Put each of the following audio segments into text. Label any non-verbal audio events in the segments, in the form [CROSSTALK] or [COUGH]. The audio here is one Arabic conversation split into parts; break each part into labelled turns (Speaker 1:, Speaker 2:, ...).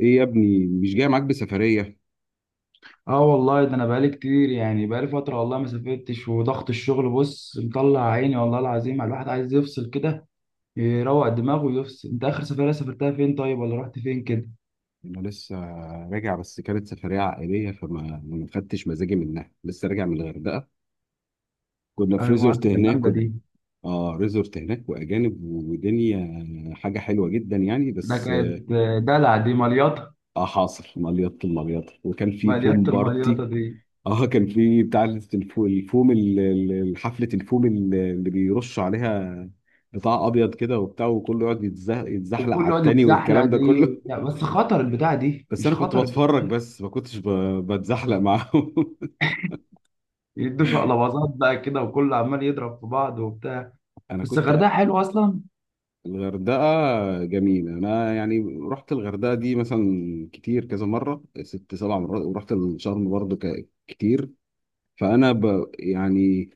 Speaker 1: ايه يا ابني مش جاي معاك بسفرية؟
Speaker 2: اه والله ده انا بقالي كتير، بقالي فتره، والله ما سافرتش. وضغط الشغل بص مطلع عيني والله العظيم. على الواحد عايز يفصل كده، يروق دماغه ويفصل. انت اخر سفريه سافرتها فين طيب؟ ولا رحت فين كده؟
Speaker 1: انا لسه راجع، بس كانت سفرية عائلية فما ما خدتش مزاجي منها. لسه راجع من الغردقة، كنا في
Speaker 2: ايوه
Speaker 1: ريزورت
Speaker 2: ده
Speaker 1: هناك
Speaker 2: جامده
Speaker 1: و
Speaker 2: دي.
Speaker 1: اه، ريزورت هناك واجانب ودنيا، حاجة حلوة جدا يعني،
Speaker 2: ده
Speaker 1: بس
Speaker 2: كانت دلع دي مليطه.
Speaker 1: اه حاصل مليط المليط، وكان في فوم
Speaker 2: مليطه
Speaker 1: بارتي.
Speaker 2: المليطه دي.
Speaker 1: اه، كان في بتاع الفوم حفلة الفوم اللي بيرش عليها، بتاع ابيض كده وبتاع، وكله يقعد يتزحلق
Speaker 2: وكل
Speaker 1: على
Speaker 2: يقعد
Speaker 1: التاني
Speaker 2: يتزحلق
Speaker 1: والكلام ده
Speaker 2: دي.
Speaker 1: كله.
Speaker 2: لا بس خطر البتاع دي،
Speaker 1: بس
Speaker 2: مش
Speaker 1: انا كنت
Speaker 2: خطر البتاع
Speaker 1: بتفرج،
Speaker 2: دي.
Speaker 1: بس ما كنتش بتزحلق معاهم [LAUGHS]
Speaker 2: يدوا شقلباظات بقى كده، وكله عمال يضرب في بعض وبتاع.
Speaker 1: انا
Speaker 2: بس الغردقه
Speaker 1: كنت،
Speaker 2: حلوه اصلا.
Speaker 1: الغردقه جميله، انا يعني رحت الغردقه دي مثلا كتير، كذا مره، ست سبع مرات، ورحت الشرم برضو كتير. فانا يعني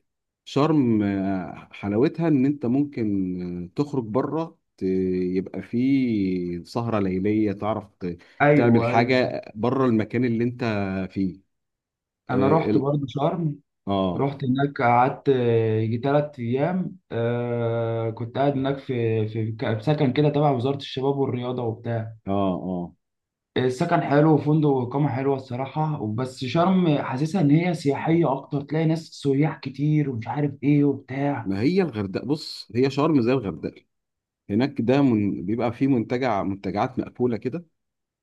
Speaker 1: شرم، حلاوتها ان انت ممكن تخرج بره، يبقى في سهره ليليه، تعرف
Speaker 2: ايوه
Speaker 1: تعمل
Speaker 2: ايوه.
Speaker 1: حاجه بره المكان اللي انت فيه.
Speaker 2: انا
Speaker 1: اه،
Speaker 2: رحت
Speaker 1: ال-
Speaker 2: برضه شرم.
Speaker 1: اه،
Speaker 2: رحت هناك قعدت يجي تلات أيام. آه، كنت قاعد هناك في في سكن كده تبع وزارة الشباب والرياضة وبتاع.
Speaker 1: اه، آه.
Speaker 2: السكن حلو، وفندق وإقامة حلوة الصراحة. بس شرم حاسسها إن هي سياحية أكتر، تلاقي ناس سياح كتير ومش عارف إيه وبتاع.
Speaker 1: ما هي الغردقه بص، هي شرم زي الغردقه، هناك ده من بيبقى فيه منتجع، منتجعات مقفوله كده.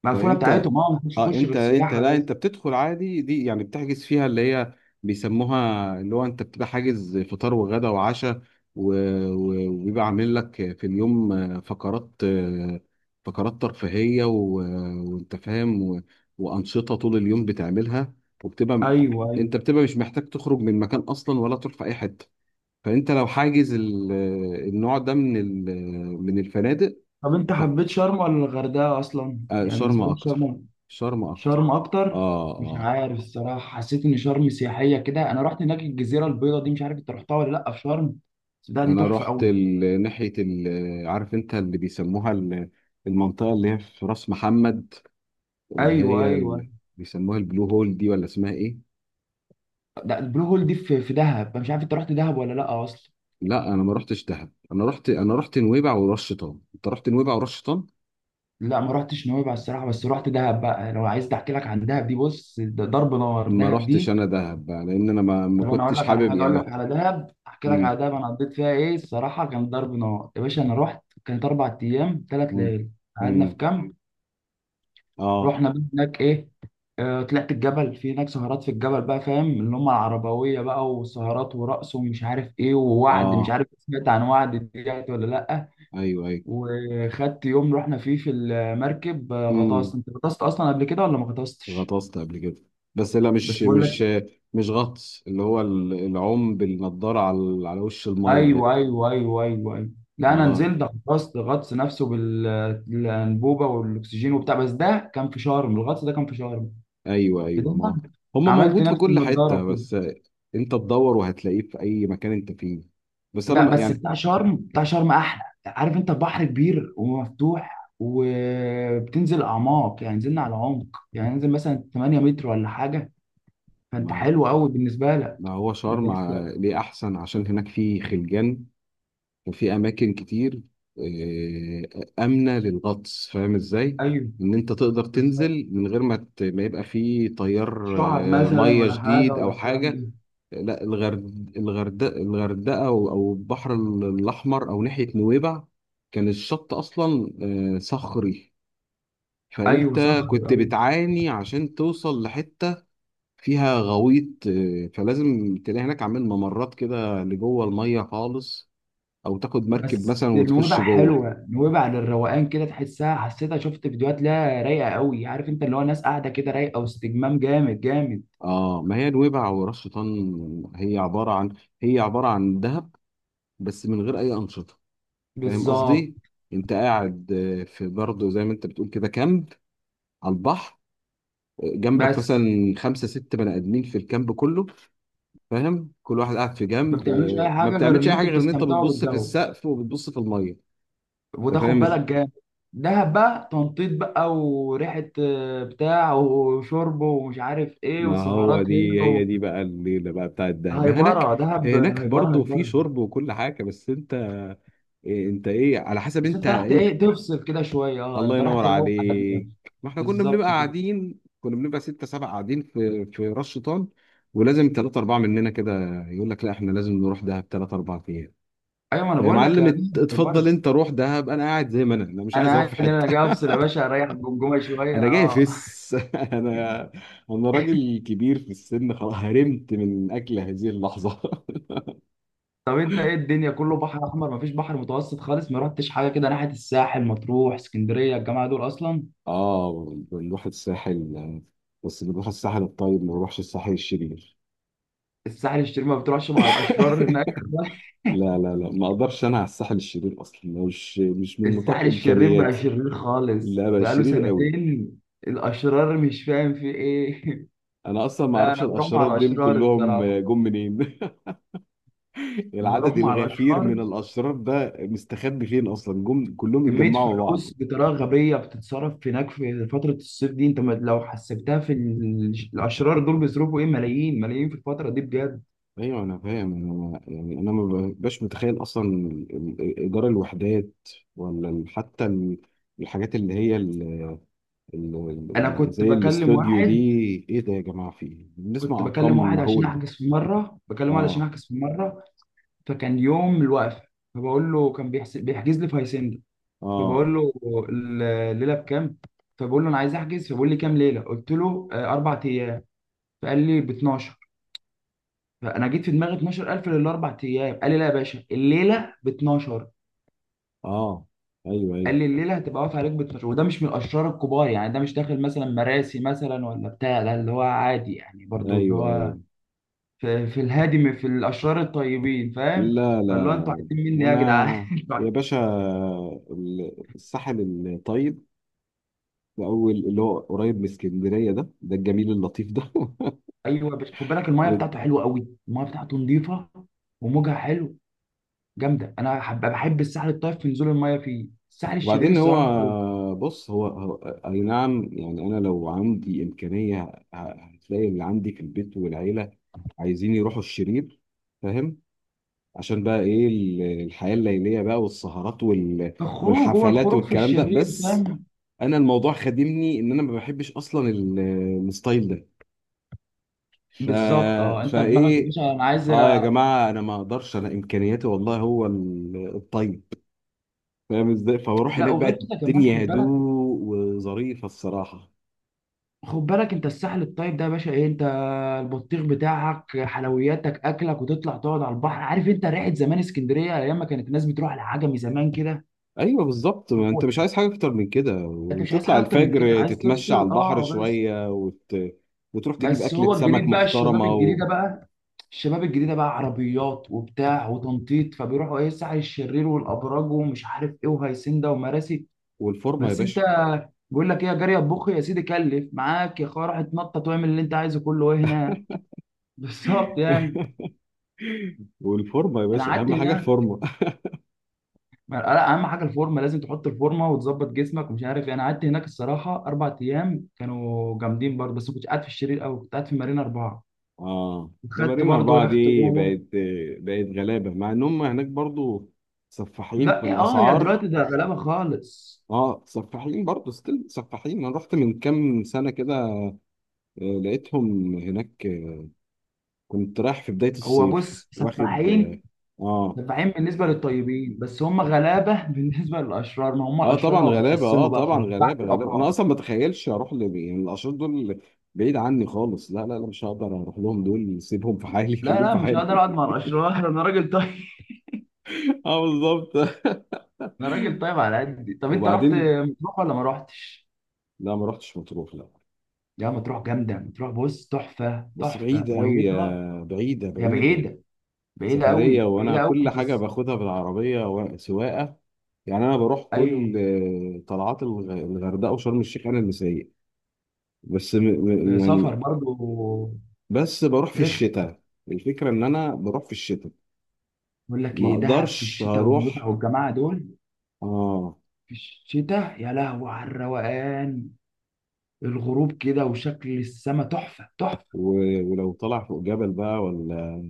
Speaker 2: مقفولة
Speaker 1: فانت
Speaker 2: بتاعتهم، أه مش
Speaker 1: اه،
Speaker 2: يخش
Speaker 1: انت
Speaker 2: غير
Speaker 1: انت
Speaker 2: سياحة
Speaker 1: لا،
Speaker 2: بس.
Speaker 1: انت بتدخل عادي دي، يعني بتحجز فيها اللي هي بيسموها، اللي هو انت بتبقى حاجز فطار وغدا وعشاء و- وبيبقى عامل لك في اليوم فقرات فقرات ترفيهيه وانت فاهم وانشطه طول اليوم بتعملها. وبتبقى،
Speaker 2: أيوه
Speaker 1: انت
Speaker 2: أيوه.
Speaker 1: بتبقى مش محتاج تخرج من مكان اصلا ولا تروح في اي حته، فانت لو حاجز النوع ده من من الفنادق.
Speaker 2: طب أنت
Speaker 1: ف-
Speaker 2: حبيت شرم ولا الغردقة أصلا؟ يعني
Speaker 1: شرم
Speaker 2: بالنسبة لك
Speaker 1: اكتر،
Speaker 2: شرم.
Speaker 1: شرم اكتر،
Speaker 2: شرم اكتر.
Speaker 1: اه
Speaker 2: مش
Speaker 1: اه.
Speaker 2: عارف الصراحه حسيت ان شرم سياحيه كده. انا رحت هناك الجزيره البيضاء دي، مش عارف انت رحتها ولا لا في شرم. بس ده دي
Speaker 1: انا
Speaker 2: تحفه
Speaker 1: رحت
Speaker 2: قوي.
Speaker 1: ناحيه عارف انت اللي بيسموها المنطقه اللي هي في راس محمد، اللي
Speaker 2: ايوه
Speaker 1: هي
Speaker 2: ايوه.
Speaker 1: بيسموها البلو هول دي، ولا اسمها ايه؟
Speaker 2: ده البلو هول دي في في دهب. أنا مش عارف انت رحت دهب ولا لا اصلا.
Speaker 1: لا، انا ما رحتش دهب، انا رحت، نويبع وراس شيطان. انت رحت نويبع وراس شيطان؟
Speaker 2: لا ما رحتش نويبع الصراحه، بس رحت دهب بقى. لو عايز احكي لك عن دهب دي بص، ده ضرب نار
Speaker 1: ما
Speaker 2: دهب
Speaker 1: رحتش
Speaker 2: دي.
Speaker 1: انا دهب بقى، لان انا ما
Speaker 2: طب انا اقول
Speaker 1: كنتش
Speaker 2: لك على
Speaker 1: حابب
Speaker 2: حاجه، اقول لك
Speaker 1: يعني.
Speaker 2: على دهب. احكي لك على
Speaker 1: امم
Speaker 2: دهب انا قضيت فيها ايه الصراحه. كان ضرب نار يا باشا. انا رحت كانت اربع ايام ثلاث
Speaker 1: امم
Speaker 2: ليالي. قعدنا في
Speaker 1: امم
Speaker 2: كامب.
Speaker 1: اه،
Speaker 2: رحنا بقى هناك ايه، طلعت الجبل. في هناك سهرات في الجبل بقى، فاهم؟ اللي هم العربويه بقى، وسهرات ورقص ومش عارف ايه، ووعد. مش
Speaker 1: اه،
Speaker 2: عارف سمعت عن وعد ديت ولا لا.
Speaker 1: ايوه ايوه،
Speaker 2: وخدت يوم رحنا فيه في المركب، غطاس.
Speaker 1: امم
Speaker 2: انت غطست اصلا قبل كده ولا ما غطستش؟
Speaker 1: غطست قبل كده، بس لا،
Speaker 2: بس
Speaker 1: مش
Speaker 2: بقول لك
Speaker 1: مش غطس، اللي هو العوم بالنضاره على وش الميه ده.
Speaker 2: ايوه ايوه ايوه ايوه ايوه. لا
Speaker 1: ما
Speaker 2: انا
Speaker 1: غ-
Speaker 2: نزلت غطست غطس نفسه بالانبوبه والاكسجين وبتاع. بس ده كان في شرم، الغطس ده كان في شرم
Speaker 1: ايوه
Speaker 2: في
Speaker 1: ايوه ما،
Speaker 2: دهب.
Speaker 1: هما
Speaker 2: عملت
Speaker 1: موجود في
Speaker 2: نفس
Speaker 1: كل حته،
Speaker 2: النضاره كده.
Speaker 1: بس انت تدور وهتلاقيه في اي مكان انت فيه. بس انا،
Speaker 2: ب-
Speaker 1: ما
Speaker 2: بس
Speaker 1: يعني،
Speaker 2: بتاع شرم، بتاع شرم احلى. عارف انت البحر كبير ومفتوح، وبتنزل اعماق يعني. نزلنا على عمق يعني، ننزل مثلا 8 متر ولا حاجه. فانت
Speaker 1: ما
Speaker 2: حلو قوي بالنسبه لك.
Speaker 1: ما هو
Speaker 2: انت
Speaker 1: شرم
Speaker 2: لسه.
Speaker 1: ليه احسن عشان هناك فيه خلجان وفي اماكن كتير امنه للغطس، فاهم ازاي؟
Speaker 2: ايوه
Speaker 1: ان انت تقدر
Speaker 2: بالظبط.
Speaker 1: تنزل من غير ما ما يبقى في تيار
Speaker 2: شعب مثلا
Speaker 1: ميه
Speaker 2: ولا حاجه
Speaker 1: شديد
Speaker 2: ولا
Speaker 1: او
Speaker 2: الكلام
Speaker 1: حاجه.
Speaker 2: ده.
Speaker 1: لا، الغردقه، الغردقه او أو البحر الاحمر، او ناحيه نويبع كان الشط اصلا صخري،
Speaker 2: ايوه
Speaker 1: فانت
Speaker 2: صخر
Speaker 1: كنت
Speaker 2: ايوه.
Speaker 1: بتعاني عشان توصل لحته فيها غويط، فلازم تلاقي هناك عامل ممرات كده لجوه الميه خالص، او تاخد مركب
Speaker 2: بس
Speaker 1: مثلا وتخش
Speaker 2: نويبع
Speaker 1: جوه.
Speaker 2: حلوه، نويبع للروقان كده، تحسها حسيتها. شفت فيديوهات لها رايقه قوي. عارف انت اللي هو ناس قاعده كده رايقه، واستجمام جامد جامد.
Speaker 1: اه، ما هي نويبع وراس شيطان هي عباره عن، هي عباره عن دهب بس من غير اي انشطه، فاهم
Speaker 2: بالظبط.
Speaker 1: قصدي؟ انت قاعد في برضه زي ما انت بتقول كده كامب على البحر، جنبك
Speaker 2: بس
Speaker 1: مثلا خمسه ست بني ادمين في الكامب كله، فاهم؟ كل واحد قاعد في
Speaker 2: ما
Speaker 1: جنب،
Speaker 2: بتعملوش اي
Speaker 1: ما
Speaker 2: حاجه غير
Speaker 1: بتعملش
Speaker 2: ان
Speaker 1: اي حاجه
Speaker 2: انتوا
Speaker 1: غير ان انت
Speaker 2: بتستمتعوا
Speaker 1: بتبص في
Speaker 2: بالجو.
Speaker 1: السقف وبتبص في الميه.
Speaker 2: وده
Speaker 1: انت
Speaker 2: خد
Speaker 1: فاهم
Speaker 2: بالك جامد. دهب بقى تنطيط بقى وريحه، بتاع وشرب ومش عارف ايه
Speaker 1: ما هو
Speaker 2: وسهرات
Speaker 1: دي
Speaker 2: هنا
Speaker 1: هي
Speaker 2: و…
Speaker 1: دي بقى الليله بقى بتاعت دهب، ما هناك
Speaker 2: هيبره دهب،
Speaker 1: هناك
Speaker 2: هيبره
Speaker 1: برضه في
Speaker 2: هيبره.
Speaker 1: شرب وكل حاجه، بس انت، إيه انت ايه، على حسب
Speaker 2: بس
Speaker 1: انت.
Speaker 2: انت رحت ايه، تفصل كده شويه؟ اه
Speaker 1: الله
Speaker 2: انت رحت
Speaker 1: ينور
Speaker 2: تروح على دماغك.
Speaker 1: عليك، ما احنا كنا بنبقى
Speaker 2: بالظبط كده.
Speaker 1: قاعدين، كنا بنبقى ستة سبعة قاعدين في راس شيطان، ولازم ثلاثة أربعة مننا كده يقول لك لا، احنا لازم نروح دهب ثلاثة أربعة أيام.
Speaker 2: ايوه ما انا
Speaker 1: يا
Speaker 2: بقول لك
Speaker 1: معلم
Speaker 2: يا دهب
Speaker 1: اتفضل،
Speaker 2: هيبره.
Speaker 1: أنت روح دهب، أنا قاعد زي ما أنا، مش
Speaker 2: انا
Speaker 1: عايز أروح
Speaker 2: قاعد
Speaker 1: في
Speaker 2: هنا، انا
Speaker 1: حتة
Speaker 2: جاي افصل يا
Speaker 1: [LAUGHS]
Speaker 2: باشا، اريح الجمجمه
Speaker 1: أنا
Speaker 2: شويه
Speaker 1: جاي
Speaker 2: اه.
Speaker 1: فس [LAUGHS] أنا، أنا راجل كبير في السن خلاص، هرمت من أكل هذه اللحظة [LAUGHS]
Speaker 2: طب انت ايه الدنيا كله بحر احمر؟ مفيش بحر متوسط خالص؟ ما رحتش حاجه كده ناحيه الساحل، مطروح، اسكندريه، الجماعه دول اصلا؟
Speaker 1: آه، بنروح الساحل، بس بنروح الساحل الطيب، ما بنروحش الساحل الشرير
Speaker 2: الساحل الشرير ما بتروحش مع الاشرار هناك.
Speaker 1: [LAUGHS]
Speaker 2: [LAUGHS]
Speaker 1: لا لا لا، ما اقدرش انا على الساحل الشرير اصلا، مش من نطاق
Speaker 2: الساحل الشرير بقى
Speaker 1: امكانياتي.
Speaker 2: شرير خالص
Speaker 1: لا بقى
Speaker 2: بقاله
Speaker 1: شرير قوي،
Speaker 2: سنتين. الاشرار مش فاهم في ايه. [LAUGHS]
Speaker 1: انا اصلا ما
Speaker 2: لا
Speaker 1: اعرفش
Speaker 2: انا بروح مع
Speaker 1: الاشرار دول
Speaker 2: الاشرار
Speaker 1: كلهم
Speaker 2: الصراحه.
Speaker 1: جم منين؟ [LAUGHS]
Speaker 2: بروح
Speaker 1: العدد
Speaker 2: مع
Speaker 1: الغفير
Speaker 2: الاشرار.
Speaker 1: من الاشرار ده مستخبي فين اصلا، جم كلهم
Speaker 2: كميه
Speaker 1: اتجمعوا بعض؟
Speaker 2: فلوس بطريقه غبيه بتتصرف هناك في فتره الصيف دي. انت لو حسبتها في الاشرار دول بيصرفوا ايه، ملايين ملايين في الفتره دي بجد.
Speaker 1: ايوه انا فاهم، انا يعني انا ما ببقاش متخيل اصلا ايجار الوحدات، ولا حتى الحاجات اللي هي
Speaker 2: انا كنت
Speaker 1: زي
Speaker 2: بكلم
Speaker 1: الاستوديو دي.
Speaker 2: واحد.
Speaker 1: ايه ده يا جماعه في ايه؟
Speaker 2: كنت
Speaker 1: بنسمع
Speaker 2: بكلم
Speaker 1: ارقام
Speaker 2: واحد عشان
Speaker 1: مهوله.
Speaker 2: احجز في مره، بكلم واحد عشان
Speaker 1: اه
Speaker 2: احجز في مره. فكان يوم الوقفه. فبقول له كان بيحجز لي في هاسيندا.
Speaker 1: اه
Speaker 2: فبقول له الليله بكام؟ فبقول له انا عايز احجز. فبقول لي كام ليله؟ قلت له اربع ايام. فقال لي ب 12. فانا جيت في دماغي 12000 للاربع ايام. قال لي لا يا باشا الليله ب 12.
Speaker 1: اه، ايوه ايوه
Speaker 2: قال لي الليله هتبقى واقفه عليك ب 12. وده مش من الاشرار الكبار يعني، ده مش داخل مثلا مراسي مثلا ولا بتاع. ده اللي هو عادي يعني برضو، اللي
Speaker 1: ايوه
Speaker 2: هو
Speaker 1: ايوه.
Speaker 2: في الهادي في الاشرار الطيبين، فاهم؟
Speaker 1: لا لا
Speaker 2: فاللي هو انتوا
Speaker 1: لا،
Speaker 2: عايزين مني إيه يا جدعان؟
Speaker 1: انا يا
Speaker 2: [LAUGHS]
Speaker 1: باشا، الساحل الطيب، اول اللي هو قريب من اسكندريه، ده ده الجميل اللطيف ده.
Speaker 2: ايوه بس خد بالك المايه بتاعته
Speaker 1: [LAUGHS]
Speaker 2: حلوه قوي، المايه بتاعته نظيفه وموجها حلو. جامده. انا بحب الساحل الطيب في نزول المايه فيه. الساحل الشرير
Speaker 1: وبعدين
Speaker 2: الصراحه خروج.
Speaker 1: هو بص، اي نعم يعني، انا لو عندي امكانيه هتلاقي اللي عندي في البيت والعيله عايزين يروحوا الشرير، فاهم؟ عشان بقى ايه، الحياه الليليه بقى، والسهرات
Speaker 2: الخروج هو
Speaker 1: والحفلات
Speaker 2: الخروج في
Speaker 1: والكلام ده،
Speaker 2: الشرير،
Speaker 1: بس
Speaker 2: فاهم؟
Speaker 1: انا الموضوع خادمني ان انا ما بحبش اصلا الستايل ده. ف...
Speaker 2: بالظبط. اه انت دماغك يا
Speaker 1: فايه،
Speaker 2: باشا. انا عايز
Speaker 1: اه يا جماعه، انا ما اقدرش، انا امكانياتي والله هو الطيب، فاهم ازاي؟ فبروح
Speaker 2: لا
Speaker 1: هناك بقى
Speaker 2: وغير كده كمان خد
Speaker 1: الدنيا
Speaker 2: بالك.
Speaker 1: هدوء وظريفه الصراحه.
Speaker 2: خد بالك انت الساحل الطيب ده يا باشا، ايه انت، البطيخ بتاعك، حلوياتك، اكلك، وتطلع تقعد على البحر. عارف انت ريحه زمان اسكندريه، ايام ما كانت الناس بتروح للعجمي زمان كده.
Speaker 1: ايوه بالظبط، ما
Speaker 2: هو
Speaker 1: انت مش
Speaker 2: ده.
Speaker 1: عايز حاجه اكتر من كده،
Speaker 2: انت مش عايز
Speaker 1: وتطلع
Speaker 2: حاجه اكتر من كده،
Speaker 1: الفجر
Speaker 2: عايز
Speaker 1: تتمشى على
Speaker 2: تفصل
Speaker 1: البحر
Speaker 2: اه بس.
Speaker 1: شويه وت... وتروح تجيب
Speaker 2: بس
Speaker 1: اكله
Speaker 2: هو
Speaker 1: سمك
Speaker 2: الجديد بقى، الشباب
Speaker 1: محترمه و...
Speaker 2: الجديده بقى، الشباب الجديده بقى عربيات وبتاع وتنطيط، فبيروحوا ايه، سعي الشرير والابراج ومش عارف ايه وهيسنده ومراسي.
Speaker 1: والفورمه يا
Speaker 2: بس انت
Speaker 1: باشا.
Speaker 2: بيقول لك ايه يا جاري، اطبخ يا سيدي، كلف معاك يا اخويا، روح اتنطط واعمل اللي انت عايزه كله، ايه هنا. [LAUGHS] بالظبط يعني.
Speaker 1: والفورمه يا
Speaker 2: انا
Speaker 1: باشا،
Speaker 2: قعدت
Speaker 1: اهم حاجه
Speaker 2: هناك.
Speaker 1: الفورمه.
Speaker 2: لا اهم حاجه الفورمه، لازم تحط الفورمه وتظبط جسمك ومش عارف إيه. انا قعدت هناك الصراحه اربع ايام كانوا جامدين برضه. بس ما كنتش قاعد في الشرير قوي، كنت قاعد في مارينا اربعه.
Speaker 1: اه، ده
Speaker 2: خدت
Speaker 1: مارينا
Speaker 2: برضه
Speaker 1: أربعة دي،
Speaker 2: يخت جوه.
Speaker 1: بقت، بقت غلابة، مع إن هم هناك برضو سفاحين في
Speaker 2: لا اه هي
Speaker 1: الأسعار.
Speaker 2: دلوقتي ده غلابه خالص.
Speaker 1: اه سفاحين برضو، ستيل سفاحين، أنا رحت من كام سنة كده لقيتهم هناك، كنت رايح في بداية
Speaker 2: هو
Speaker 1: الصيف
Speaker 2: بص
Speaker 1: واخد اه.
Speaker 2: سفاحين.
Speaker 1: اه
Speaker 2: سفاحين بالنسبه للطيبين، بس هم غلابه. [LAUGHS] بالنسبه للاشرار، ما هم الاشرار
Speaker 1: طبعا
Speaker 2: بقوا
Speaker 1: غلابة، اه
Speaker 2: بيتقسموا بقى
Speaker 1: طبعا
Speaker 2: خلاص تحت
Speaker 1: غلابة غلابة. أنا
Speaker 2: الابرار.
Speaker 1: أصلا ما أتخيلش أروح يعني الأشخاص دول بعيد عني خالص، لا لا لا، مش هقدر أروح لهم دول، سيبهم في حالي [LAUGHS]
Speaker 2: لا
Speaker 1: خليهم
Speaker 2: لا
Speaker 1: في
Speaker 2: مش هقدر اقعد
Speaker 1: حالي
Speaker 2: مع الاشرار. [LAUGHS] انا راجل طيب.
Speaker 1: [LAUGHS] اه بالظبط [LAUGHS]
Speaker 2: [LAUGHS] انا راجل طيب على قدي. طب انت رحت
Speaker 1: وبعدين
Speaker 2: مطروح ولا ما رحتش؟
Speaker 1: لا، ما رحتش مطروح لا،
Speaker 2: يا مطروح جامده، مطروح بص تحفه،
Speaker 1: بس
Speaker 2: تحفه
Speaker 1: بعيدة أوي،
Speaker 2: ميتها.
Speaker 1: يا بعيدة
Speaker 2: هي
Speaker 1: بعيدة.
Speaker 2: بعيده، بعيده
Speaker 1: سفرية،
Speaker 2: قوي،
Speaker 1: وأنا
Speaker 2: بعيده
Speaker 1: كل
Speaker 2: قوي
Speaker 1: حاجة
Speaker 2: بس.
Speaker 1: باخدها بالعربية سواقة، يعني أنا بروح
Speaker 2: ايوه.
Speaker 1: كل طلعات الغردقة وشرم الشيخ أنا اللي سايق. بس
Speaker 2: في سفر
Speaker 1: يعني،
Speaker 2: برضو
Speaker 1: بس بروح في
Speaker 2: رخم.
Speaker 1: الشتاء، الفكرة إن أنا بروح في الشتاء،
Speaker 2: بقول لك
Speaker 1: ما
Speaker 2: ايه، دهب في
Speaker 1: أقدرش
Speaker 2: الشتاء
Speaker 1: هروح.
Speaker 2: والمتعه والجماعه دول.
Speaker 1: آه
Speaker 2: في الشتاء يا لهوي على الروقان. الغروب كده وشكل السما تحفة تحفة.
Speaker 1: و... ولو طلع فوق جبل بقى ولا،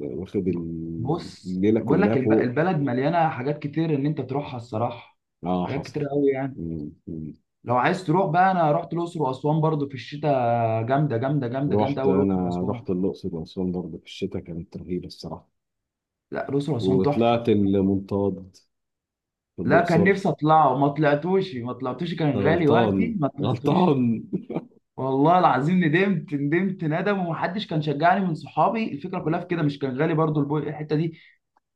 Speaker 1: واخد
Speaker 2: ب- بص
Speaker 1: الليلة
Speaker 2: بقول
Speaker 1: كلها
Speaker 2: لك
Speaker 1: فوق.
Speaker 2: البلد مليانة حاجات كتير ان انت تروحها الصراحة.
Speaker 1: آه
Speaker 2: حاجات
Speaker 1: حصل.
Speaker 2: كتير قوي يعني.
Speaker 1: مم.
Speaker 2: لو عايز تروح بقى، انا رحت الاقصر واسوان برضو في الشتاء. جامدة جامدة جامدة جامدة
Speaker 1: رحت،
Speaker 2: قوي الاقصر
Speaker 1: انا
Speaker 2: واسوان.
Speaker 1: رحت الاقصر واسوان برضه في الشتاء، كانت رهيبه الصراحه،
Speaker 2: لا الاقصر واسوان تحفة.
Speaker 1: وطلعت المنطاد في
Speaker 2: لا كان
Speaker 1: الاقصر.
Speaker 2: نفسي اطلعه، ما طلعتوش ما طلعتوش.
Speaker 1: انت
Speaker 2: كان غالي وقتي
Speaker 1: غلطان
Speaker 2: ما طلعتوش.
Speaker 1: غلطان.
Speaker 2: والله العظيم ندمت، ندمت ندم. ومحدش كان شجعني من صحابي الفكره كلها في كده، مش كان غالي برضو الحته دي.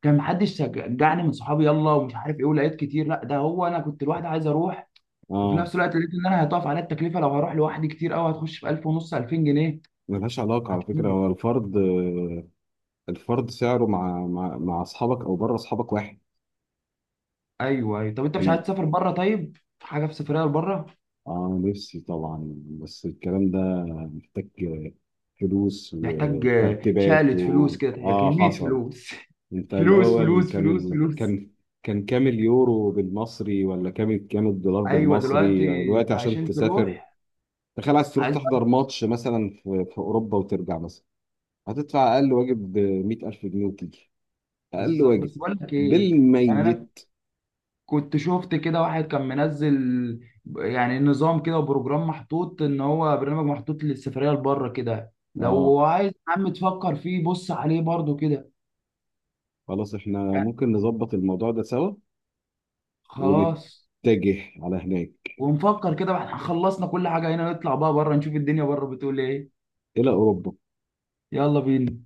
Speaker 2: كان محدش شجعني من صحابي يلا ومش عارف ايه ولقيت كتير. لا ده هو انا كنت لوحدي عايز اروح. وفي
Speaker 1: اه،
Speaker 2: نفس الوقت لقيت ان انا هيضاعف عليا التكلفه لو هروح لوحدي كتير قوي، هتخش في 1000 ونص 2000 جنيه.
Speaker 1: ملهاش علاقه على فكره،
Speaker 2: فكتير.
Speaker 1: هو الفرد، الفرد سعره مع اصحابك او بره اصحابك واحد.
Speaker 2: ايوه ايوه. طب انت مش عايز
Speaker 1: ال-
Speaker 2: تسافر بره؟ طيب في حاجه في سفريه لبره؟
Speaker 1: اه نفسي طبعا، بس الكلام ده محتاج فلوس
Speaker 2: محتاج
Speaker 1: وترتيبات
Speaker 2: شقلة فلوس
Speaker 1: و...
Speaker 2: كده،
Speaker 1: اه
Speaker 2: كميه
Speaker 1: حصل.
Speaker 2: فلوس.
Speaker 1: انت
Speaker 2: [LAUGHS] فلوس
Speaker 1: الاول،
Speaker 2: فلوس
Speaker 1: كان
Speaker 2: فلوس فلوس.
Speaker 1: كان، كان كام اليورو بالمصري، ولا كام، كام الدولار
Speaker 2: ايوه
Speaker 1: بالمصري،
Speaker 2: دلوقتي.
Speaker 1: يعني دلوقتي
Speaker 2: انت
Speaker 1: عشان
Speaker 2: عشان
Speaker 1: تسافر؟
Speaker 2: تروح،
Speaker 1: تخيل، عايز تروح
Speaker 2: عايز.
Speaker 1: تحضر ماتش مثلا في اوروبا وترجع مثلا، هتدفع اقل واجب 100,000 جنيه وتيجي. اقل
Speaker 2: بالظبط.
Speaker 1: واجب
Speaker 2: بس بقول لك ايه يعني. انا
Speaker 1: بالميت.
Speaker 2: كنت شفت كده واحد كان منزل يعني نظام كده وبروجرام محطوط، ان هو برنامج محطوط للسفرية لبره كده.
Speaker 1: اه،
Speaker 2: لو عايز يا عم تفكر فيه بص عليه برضو كده.
Speaker 1: خلاص، احنا
Speaker 2: يعني
Speaker 1: ممكن نظبط الموضوع ده سوا،
Speaker 2: خلاص.
Speaker 1: ونتجه على هناك،
Speaker 2: ونفكر كده، واحنا خلصنا كل حاجة هنا نطلع بقى بره نشوف الدنيا بره بتقول ايه.
Speaker 1: الى اوروبا.
Speaker 2: يلا بينا.